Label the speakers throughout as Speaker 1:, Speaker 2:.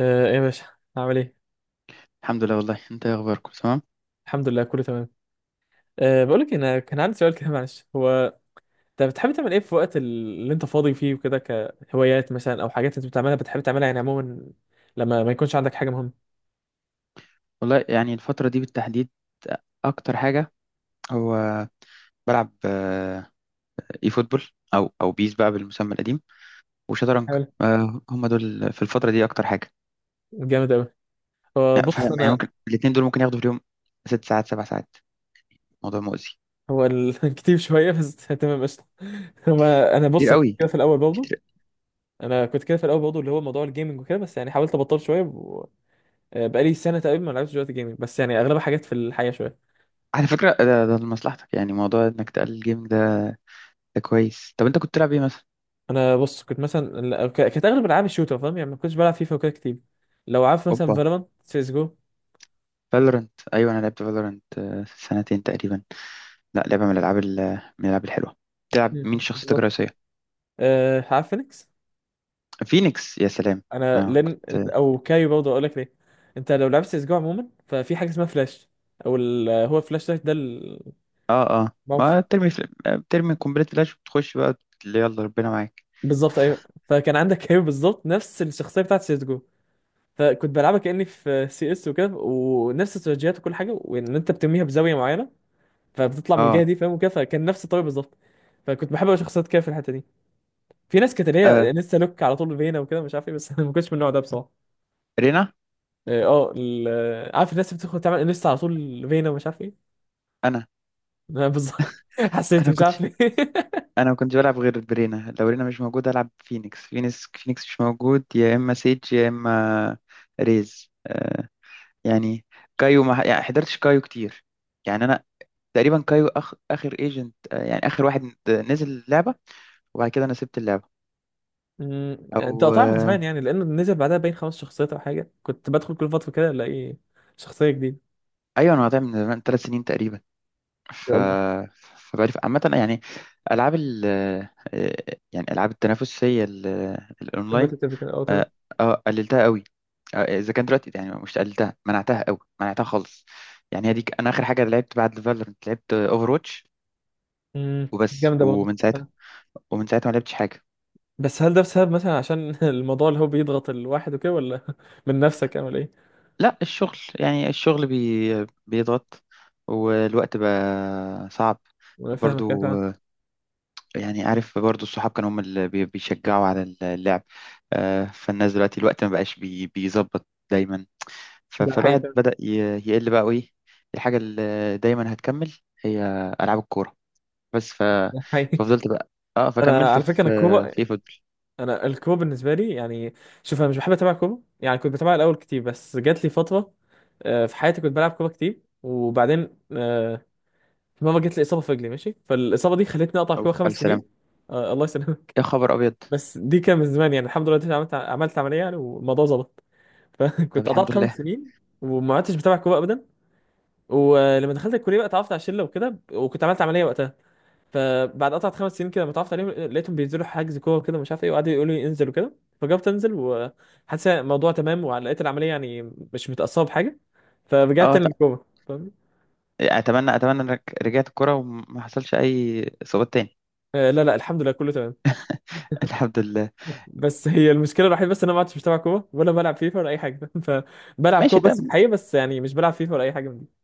Speaker 1: ايه يا باشا، عامل ايه؟
Speaker 2: الحمد لله، والله انت ايه، اخباركم تمام.
Speaker 1: الحمد لله كله تمام. بقول لك انا كان عندي سؤال كده، معلش. هو انت بتحب تعمل ايه في وقت اللي انت فاضي فيه وكده؟ كهوايات مثلا او حاجات انت بتعملها بتحب تعملها يعني عموما، لما ما يكونش عندك حاجه مهمه.
Speaker 2: والله يعني الفتره دي بالتحديد اكتر حاجه هو بلعب اي فوتبول او بيس بقى بالمسمى القديم وشطرنج.
Speaker 1: حلو.
Speaker 2: هم دول في الفتره دي اكتر حاجه.
Speaker 1: جامد قوي. هو بص
Speaker 2: يعني
Speaker 1: انا،
Speaker 2: ممكن الاثنين دول ممكن ياخدوا في اليوم 6 ساعات 7 ساعات. موضوع مؤذي.
Speaker 1: كتير شويه بس تمام قشطه. هو انا
Speaker 2: كتير
Speaker 1: بص،
Speaker 2: قوي،
Speaker 1: كده في الاول برضه،
Speaker 2: كتير.
Speaker 1: انا كنت كده في الاول برضه اللي هو موضوع الجيمنج وكده، بس يعني حاولت ابطل شويه و... بقالي سنه تقريبا ما لعبتش دلوقتي جيمنج، بس يعني اغلبها حاجات في الحياه شويه.
Speaker 2: على فكره ده لمصلحتك، يعني موضوع انك تقلل الجيمنج ده. ده كويس. طب انت كنت تلعب ايه مثلا؟
Speaker 1: انا بص كنت مثلا كانت اغلب العاب الشوتر فاهم، يعني ما كنتش بلعب فيفا وكده كتير. لو عارف مثلا
Speaker 2: اوبا.
Speaker 1: فالورانت، سيس جو.
Speaker 2: فالورنت، ايوه انا لعبت فالورنت سنتين تقريبا. لا، لعبه من من الالعاب الحلوه. تلعب مين شخصيتك
Speaker 1: بالظبط.
Speaker 2: الرئيسيه؟
Speaker 1: عارف فينيكس؟
Speaker 2: فينيكس يا سلام.
Speaker 1: انا
Speaker 2: ما
Speaker 1: لن انت
Speaker 2: كنت.
Speaker 1: او كايو برضه، اقول لك ليه. انت لو لعبت سيس جو عموما، ففي حاجه اسمها فلاش، هو فلاش ده
Speaker 2: اه، اه.
Speaker 1: الموقف.
Speaker 2: ما بترمي بترمي قنبلة فلاش وبتخش بقى، اللي يلا ربنا معاك.
Speaker 1: بالظبط ايوه. فكان عندك كايو بالظبط نفس الشخصيه بتاعت سيس جو، فكنت بلعبها كاني في سي اس وكده، ونفس استراتيجيات وكل حاجه، وان انت بترميها بزاويه معينه فبتطلع من الجهه
Speaker 2: اه،
Speaker 1: دي فاهم وكده، فكان نفس الطريقه بالظبط. فكنت بحب أوي شخصيات كده في الحته دي. في ناس كانت اللي هي
Speaker 2: آه.
Speaker 1: لسه لوك على طول فينا وكده مش عارف ايه، بس انا ما كنتش من النوع ده بصراحه.
Speaker 2: رينا.
Speaker 1: اه عارف الناس اللي بتدخل تعمل لسه على طول فينا ومش عارف ايه.
Speaker 2: انا
Speaker 1: أنا بالظبط. حسيت
Speaker 2: انا
Speaker 1: مش
Speaker 2: كنت
Speaker 1: عارف ليه
Speaker 2: انا ما كنتش بلعب غير برينا، لو رينا مش موجود العب فينيكس، فينيكس مش موجود، يا اما سيج يا اما ريز. يعني كايو، ما يعني حضرتش كايو كتير، يعني انا تقريبا كايو اخر ايجنت. يعني اخر واحد نزل اللعبة، وبعد كده انا سبت اللعبة.
Speaker 1: انت
Speaker 2: او
Speaker 1: قطعت من
Speaker 2: آه.
Speaker 1: زمان يعني، لانه نزل بعدها باين 5 شخصيات او حاجه. كنت بدخل كل فتره كده الاقي شخصيه جديده.
Speaker 2: ايوه انا قاطع من 3 سنين تقريبا.
Speaker 1: يا
Speaker 2: ف
Speaker 1: الله.
Speaker 2: فبقى عامة، يعني ألعاب ال آه، يعني الأونلاين.
Speaker 1: كومبتيتيف كده، اه تمام.
Speaker 2: اه، قللتها قوي. إذا كان دلوقتي يعني، مش قللتها، منعتها قوي، منعتها خالص. يعني هي دي، أنا آخر حاجة لعبت بعد فالورنت لعبت أوفر واتش وبس.
Speaker 1: جامده برضه. آه.
Speaker 2: ومن ساعتها ما لعبتش حاجة.
Speaker 1: بس هل ده بسبب مثلا عشان الموضوع اللي هو بيضغط الواحد وكده، ولا من نفسك، او ولا ايه؟
Speaker 2: لا، الشغل يعني الشغل بيضغط، والوقت بقى صعب.
Speaker 1: انا فاهمك يا
Speaker 2: برضو
Speaker 1: فاهم.
Speaker 2: يعني، عارف، برضو الصحاب كانوا هم اللي بيشجعوا على اللعب. فالناس دلوقتي، الوقت ما بقاش بيظبط دايما.
Speaker 1: ده حقيقي
Speaker 2: فالواحد
Speaker 1: فعلاً.
Speaker 2: بدأ يقل بقى وإيه. الحاجة اللي دايما هتكمل هي ألعاب الكورة بس.
Speaker 1: ده حقيقي.
Speaker 2: ففضلت بقى، اه
Speaker 1: انا
Speaker 2: فكملت
Speaker 1: على
Speaker 2: في
Speaker 1: فكره انا الكوبا،
Speaker 2: في إيه، فوتبول.
Speaker 1: انا الكوره بالنسبه لي يعني، شوف انا مش بحب اتابع كوره. يعني كنت بتابع الاول كتير، بس جات لي فتره في حياتي كنت بلعب كوره كتير، وبعدين في مره جت لي اصابه في رجلي ماشي، فالاصابه دي خلتني اقطع
Speaker 2: أو
Speaker 1: كوره
Speaker 2: في ألف
Speaker 1: 5 سنين.
Speaker 2: سلامة.
Speaker 1: الله يسلمك.
Speaker 2: يا خبر أبيض.
Speaker 1: بس دي كان من زمان، يعني الحمد لله دلوقتي عملت عمليه يعني والموضوع ظبط.
Speaker 2: طب
Speaker 1: فكنت
Speaker 2: الحمد
Speaker 1: قطعت خمس
Speaker 2: لله.
Speaker 1: سنين وما عدتش بتابع كوره ابدا. ولما دخلت الكليه بقى اتعرفت على شله وكده، وكنت عملت عمليه وقتها، فبعد قطعة 5 سنين كده متعرفت عليهم، لقيتهم بينزلوا حجز كورة كده مش عارف ايه، وقعدوا يقولوا لي انزل وكده، فجربت انزل وحاسس الموضوع تمام، ولقيت العملية يعني مش متأثرة بحاجة، فرجعت
Speaker 2: اه
Speaker 1: تاني
Speaker 2: ط-
Speaker 1: للكورة، فاهمني؟
Speaker 2: أتمنى إنك رجعت الكورة وما حصلش أي إصابات تاني.
Speaker 1: آه لا لا، الحمد لله كله تمام.
Speaker 2: الحمد لله.
Speaker 1: بس هي المشكلة الوحيدة بس، ان انا ما عدتش بتابع كورة ولا بلعب فيفا ولا اي حاجة فبلعب كورة
Speaker 2: ماشي،
Speaker 1: بس
Speaker 2: ده
Speaker 1: في الحقيقة، بس يعني مش بلعب فيفا ولا اي حاجة من دي.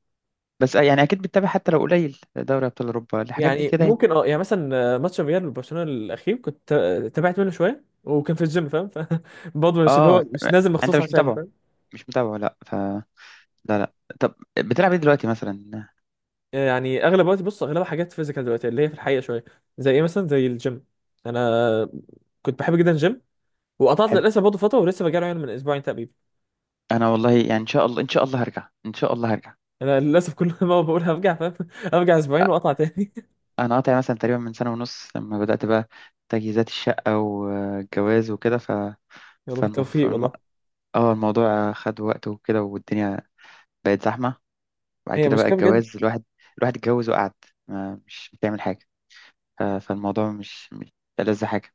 Speaker 2: بس يعني أكيد بتتابع حتى لو قليل، دوري أبطال أوروبا، الحاجات دي
Speaker 1: يعني
Speaker 2: كده يعني.
Speaker 1: ممكن اه، يعني مثلا ماتش الريال وبرشلونة الأخير كنت تابعت منه شوية وكان في الجيم فاهم، فبرضه مش اللي هو
Speaker 2: اه
Speaker 1: مش نازل
Speaker 2: انت
Speaker 1: مخصوص
Speaker 2: مش
Speaker 1: عشانه.
Speaker 2: متابعه، مش متابعه، لا لا، لا. طب بتلعب ايه دلوقتي مثلا؟
Speaker 1: يعني اغلب وقتي بص اغلبها حاجات فيزيكال دلوقتي، اللي هي في الحقيقه شويه. زي ايه مثلا؟ زي الجيم. انا كنت بحب جدا الجيم وقطعت
Speaker 2: حلو.
Speaker 1: للاسف برضه فتره، ولسه برجع له يعني من اسبوعين تقريبا.
Speaker 2: انا والله يعني ان شاء الله، ان شاء الله هرجع، ان شاء الله هرجع.
Speaker 1: انا للاسف كل ما بقول هرجع فاهم ارجع
Speaker 2: أ-
Speaker 1: اسبوعين واقطع تاني.
Speaker 2: انا قاطع مثلا تقريبا من سنة ونص، لما بدأت بقى تجهيزات الشقة والجواز وكده.
Speaker 1: يلا
Speaker 2: فالمف...
Speaker 1: بالتوفيق
Speaker 2: الم...
Speaker 1: والله.
Speaker 2: اه الموضوع خد وقت وكده، والدنيا بقت زحمة. بعد
Speaker 1: هي
Speaker 2: كده بقى
Speaker 1: مشكله بجد.
Speaker 2: الجواز، الواحد اتجوز وقعد، ما مش بتعمل حاجة. فالموضوع مش ألذ حاجة.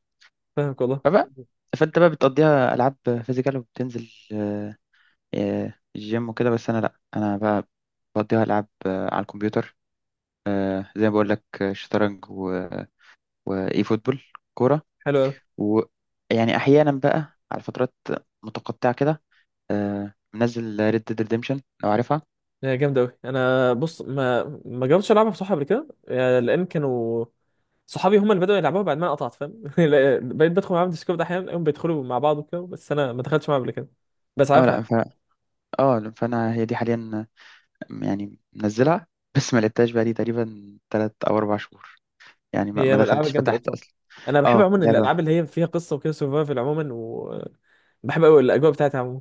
Speaker 1: فاهمك والله.
Speaker 2: فبقى فانت بقى بتقضيها العاب فيزيكال، وبتنزل آه، الجيم وكده. بس انا لا، بقى بقضيها العاب آه، على الكمبيوتر، آه، زي ما بقول لك، آه، شطرنج واي فوتبول، كوره.
Speaker 1: حلو قوي.
Speaker 2: ويعني احيانا بقى على فترات متقطعه كده، آه، منزل ريد ديد ريديمشن لو عارفها.
Speaker 1: هي جامده قوي. انا بص ما جربتش العبها بصراحه قبل كده، يعني لان كانوا صحابي هم اللي بدأوا يلعبوها بعد ما انا قطعت فاهم لا، بقيت بدخل معاهم ديسكورد احيانا هم بيدخلوا مع بعض وكده، بس انا ما دخلتش معاهم قبل كده. بس
Speaker 2: اه لا
Speaker 1: عارفها.
Speaker 2: اه فانا هي دي حاليا آه، يعني منزلها بس ما لعبتهاش بقى لي تقريبا 3 او 4 شهور، يعني ما
Speaker 1: هي
Speaker 2: ما
Speaker 1: من الالعاب
Speaker 2: دخلتش
Speaker 1: الجامده قوي
Speaker 2: فتحت
Speaker 1: بصراحه.
Speaker 2: اصلا.
Speaker 1: انا بحب
Speaker 2: اه
Speaker 1: عموما
Speaker 2: لعبه،
Speaker 1: الالعاب اللي هي فيها قصه وكده، سرفايفل عموما، وبحب قوي الاجواء بتاعتها عموما.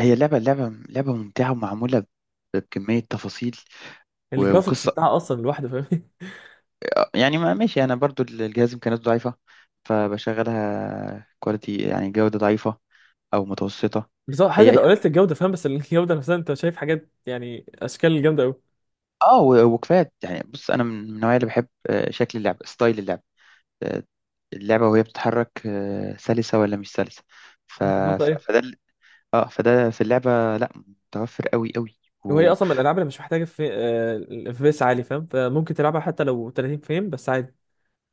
Speaker 2: هي لعبه، لعبه ممتعه ومعموله بكمية تفاصيل
Speaker 1: الجرافيكس
Speaker 2: وقصة.
Speaker 1: بتاعها اصلا لوحده فاهم.
Speaker 2: يعني ما ماشي، انا برضو الجهاز امكانياته ضعيفه، فبشغلها كواليتي يعني جوده ضعيفه او متوسطه.
Speaker 1: بس هو حاجه،
Speaker 2: هي هي-
Speaker 1: لو قللت الجوده فاهم، بس الجوده نفسها انت شايف حاجات يعني اشكال جامده قوي.
Speaker 2: اه وكفايات يعني. بص انا من النوعيه اللي بحب آه، شكل اللعب، ستايل اللعب، آه، اللعبه وهي بتتحرك، آه، سلسه ولا مش سلسه. ف...
Speaker 1: بالظبط
Speaker 2: ف...
Speaker 1: ايوه.
Speaker 2: فده ال- اه فده في اللعبه لا، متوفر قوي قوي.
Speaker 1: وهي
Speaker 2: و...
Speaker 1: اصلا من الالعاب اللي مش محتاجه في اف بي اس عالي فاهم، فممكن تلعبها حتى لو 30 فريم بس عادي.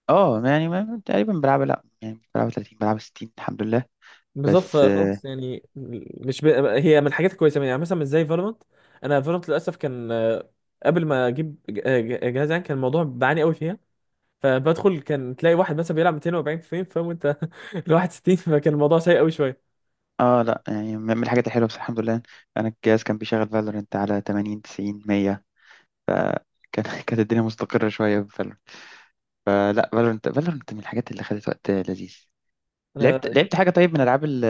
Speaker 2: اه يعني ما... تقريبا بلعبها، لا يعني بلعبها 30 بلعبها 60 الحمد لله
Speaker 1: بالظبط
Speaker 2: بس.
Speaker 1: فخلاص يعني. مش ب... هي من الحاجات الكويسه، يعني مثلا مش زي فالورانت. انا فالورانت للاسف كان قبل ما اجيب جهاز، يعني كان الموضوع بعاني قوي فيها. فبدخل كان تلاقي واحد مثلا بيلعب 240 فريم فاهم، وانت ال 61، فكان الموضوع سيء قوي شويه.
Speaker 2: اه لا، يعني من الحاجات الحلوه، بس الحمد لله. انا الجهاز كان بيشغل فالورنت على 80 90 100. فكان كانت الدنيا مستقره شويه بفالورنت، فلا، فالورنت من الحاجات اللي خدت وقت لذيذ. لعبت
Speaker 1: انا
Speaker 2: لعبت حاجه طيب من العاب ال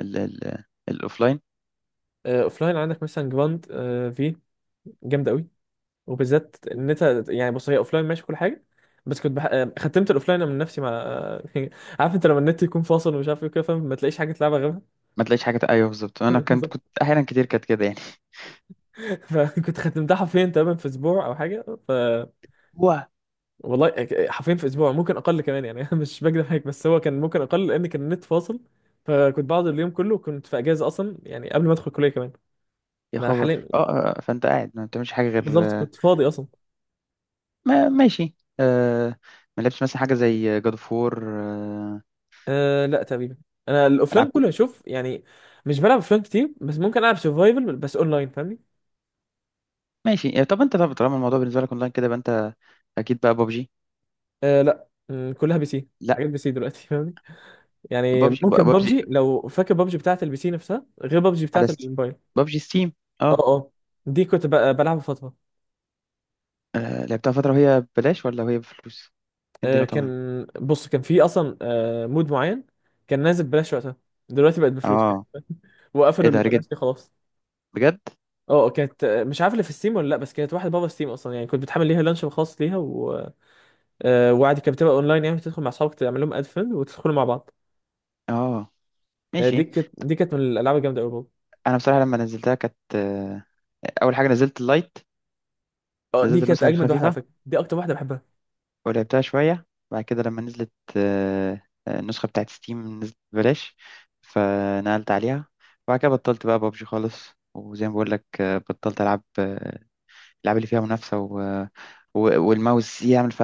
Speaker 2: ال ال الاوفلاين.
Speaker 1: اوف لاين عندك مثلا جراند في، جامده قوي. وبالذات ان انت، يعني بص هي اوف لاين ماشي كل حاجه، بس كنت بح... آه، ختمت الاوف لاين من نفسي مع عارف انت لما النت يكون فاصل ومش عارف ايه كده فاهم، ما تلاقيش حاجه تلعبها غيرها.
Speaker 2: ما تلاقيش حاجه، ايوه بالظبط انا كنت
Speaker 1: بالظبط.
Speaker 2: كنت احيانا كتير كانت كده يعني.
Speaker 1: فكنت ختمتها حرفيا تقريبا في اسبوع او حاجه ف...
Speaker 2: واه
Speaker 1: والله حرفيا في اسبوع، ممكن اقل كمان يعني انا مش بكدب عليك، بس هو كان ممكن اقل لان كان النت فاصل، فكنت بقعد اليوم كله. كنت في اجازه اصلا يعني قبل ما ادخل الكليه كمان.
Speaker 2: يا
Speaker 1: انا
Speaker 2: خبر،
Speaker 1: حاليا،
Speaker 2: اه، آه، آه، فانت قاعد ما بتعملش حاجه غير
Speaker 1: بالظبط
Speaker 2: آه،
Speaker 1: كنت فاضي اصلا.
Speaker 2: ما ماشي، آه، ما لعبتش مثلا حاجه زي جاد اوف وور،
Speaker 1: لا تقريبا، انا الاوفلاين
Speaker 2: العاب.
Speaker 1: كله هشوف يعني. مش بلعب اوفلاين كتير، بس ممكن العب سرفايفل بس اونلاين فاهمني.
Speaker 2: ماشي إيه، طب طالما الموضوع بالنسبه لك اونلاين كده يبقى انت اكيد بقى ببجي.
Speaker 1: أه لا م، كلها بي سي،
Speaker 2: لا،
Speaker 1: حاجات بي سي دلوقتي فاهمني. يعني
Speaker 2: ببجي،
Speaker 1: ممكن
Speaker 2: ببجي
Speaker 1: ببجي، لو فاكر ببجي بتاعت البي سي نفسها غير ببجي
Speaker 2: على
Speaker 1: بتاعت
Speaker 2: ستيم،
Speaker 1: الموبايل.
Speaker 2: ببجي ستيم.
Speaker 1: اه
Speaker 2: اه،
Speaker 1: اه. دي كنت بلعبها فتره.
Speaker 2: آه، لعبتها فتره، وهي ببلاش ولا وهي بفلوس؟ كان دي نقطه مهمه.
Speaker 1: كان بص كان في اصلا مود معين، كان نازل ببلاش وقتها، دلوقتي بقت بفلوس يعني،
Speaker 2: اه
Speaker 1: وقفلوا
Speaker 2: ايه
Speaker 1: اللي
Speaker 2: ده، بجد،
Speaker 1: ببلاش دي خلاص.
Speaker 2: بجد؟
Speaker 1: اه كانت مش عارف اللي في ستيم ولا لا، بس كانت واحده بابا ستيم اصلا يعني، كنت بتحمل ليها لانش خاص ليها و... وعادي كانت بتبقى اونلاين يعني تدخل مع اصحابك، تعمل لهم اد فريند وتدخلوا مع بعض.
Speaker 2: اه ماشي.
Speaker 1: دي كانت من الالعاب الجامده قوي برضه.
Speaker 2: انا بصراحه لما نزلتها كانت آه، اول حاجه نزلت اللايت،
Speaker 1: اه دي
Speaker 2: نزلت
Speaker 1: كانت
Speaker 2: النسخه
Speaker 1: اجمد واحده على
Speaker 2: الخفيفه.
Speaker 1: فكره، دي اكتر واحده بحبها.
Speaker 2: ولعبتها شويه، بعد كده لما نزلت آه، النسخه بتاعت ستيم نزلت ببلاش فنقلت عليها. وبعد كده بطلت بقى ببجي خالص. وزي ما بقول لك آه، بطلت العب آه، اللعبة اللي فيها منافسة والماوس يعمل،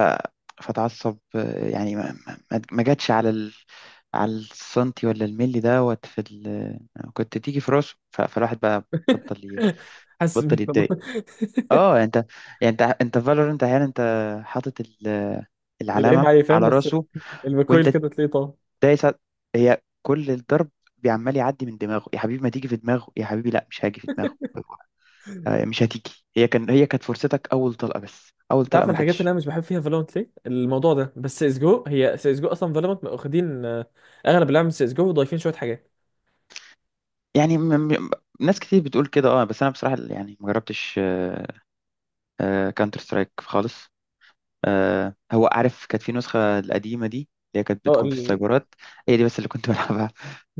Speaker 2: فتعصب. يعني ما جاتش على على السنتي ولا الملي دوت في كنت تيجي في راسه. فالواحد بقى بطل ي...
Speaker 1: حاسس
Speaker 2: بطل
Speaker 1: بيك والله
Speaker 2: يتضايق. اه يعني انت، انت احيانا انت حاطط
Speaker 1: الايم
Speaker 2: العلامة
Speaker 1: عليه فاهم،
Speaker 2: على
Speaker 1: بس
Speaker 2: راسه،
Speaker 1: الميكويل
Speaker 2: وانت
Speaker 1: كده تلاقيه طار.
Speaker 2: دايس على- هي كل الضرب بيعمال يعدي من دماغه. يا حبيبي ما تيجي في دماغه، يا حبيبي لا، مش هاجي في دماغه، آه، مش هتيجي. هي كانت فرصتك، اول طلقه، بس اول
Speaker 1: انت
Speaker 2: طلقه
Speaker 1: عارف
Speaker 2: ما
Speaker 1: الحاجات اللي
Speaker 2: جاتش.
Speaker 1: انا مش بحب فيها فالورانت ليه الموضوع ده؟ بس سيس جو، هي سيس جو اصلا، فالورانت واخدين اغلب اللعب من سيس جو وضايفين شويه حاجات.
Speaker 2: يعني ناس كتير بتقول كده. اه بس انا بصراحه يعني ما جربتش كانتر سترايك خالص. آه، هو عارف، كانت في نسخه القديمه دي اللي هي كانت
Speaker 1: اه
Speaker 2: بتكون في
Speaker 1: ال...
Speaker 2: السايبرات، هي دي بس اللي كنت بلعبها.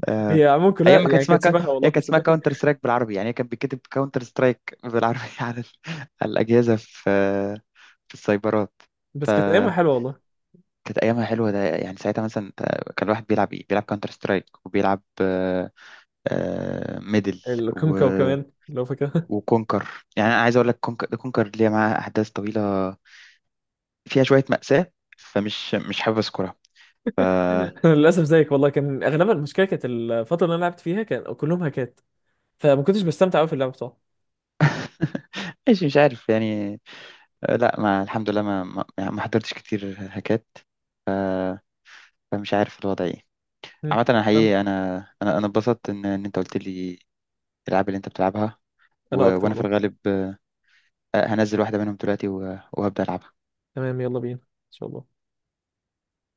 Speaker 2: آه،
Speaker 1: هي عموما
Speaker 2: ايام
Speaker 1: كلها
Speaker 2: ما كانت
Speaker 1: يعني
Speaker 2: اسمها
Speaker 1: كانت شبهها
Speaker 2: هي
Speaker 1: والله
Speaker 2: كانت اسمها
Speaker 1: صدق.
Speaker 2: كاونتر سترايك بالعربي، يعني هي كانت بتكتب كاونتر سترايك بالعربي على على الاجهزه في السايبرات.
Speaker 1: بس كانت ايامها
Speaker 2: فكانت
Speaker 1: حلوه والله.
Speaker 2: ايامها حلوه، ده يعني ساعتها مثلا كان الواحد بيلعب ايه، بيلعب كاونتر سترايك، وبيلعب ميدل،
Speaker 1: الكونكو كمان لو فاكرها.
Speaker 2: وكونكر. يعني انا عايز اقول لك، كونكر ليها معاها احداث طويله فيها شويه مأساة، فمش مش حابب اذكرها.
Speaker 1: أنا للاسف زيك والله، كان اغلبها المشكله كانت الفتره اللي انا لعبت فيها كان كلهم هاكات، فما كنتش بستمتع قوي في اللعب بصراحه.
Speaker 2: ماشي، مش عارف يعني. آه، لا ما الحمد لله، ما ما, يعني ما حضرتش كتير هكات. ف... فمش عارف الوضع ايه.
Speaker 1: مم.
Speaker 2: عامة انا
Speaker 1: تمام.
Speaker 2: حقيقي، انا اتبسطت ان انت قلت لي الالعاب اللي انت بتلعبها.
Speaker 1: انا اكتر
Speaker 2: وانا في
Speaker 1: والله.
Speaker 2: الغالب آه، هنزل واحدة منهم دلوقتي وهبدأ العبها.
Speaker 1: تمام يلا بينا ان شاء الله.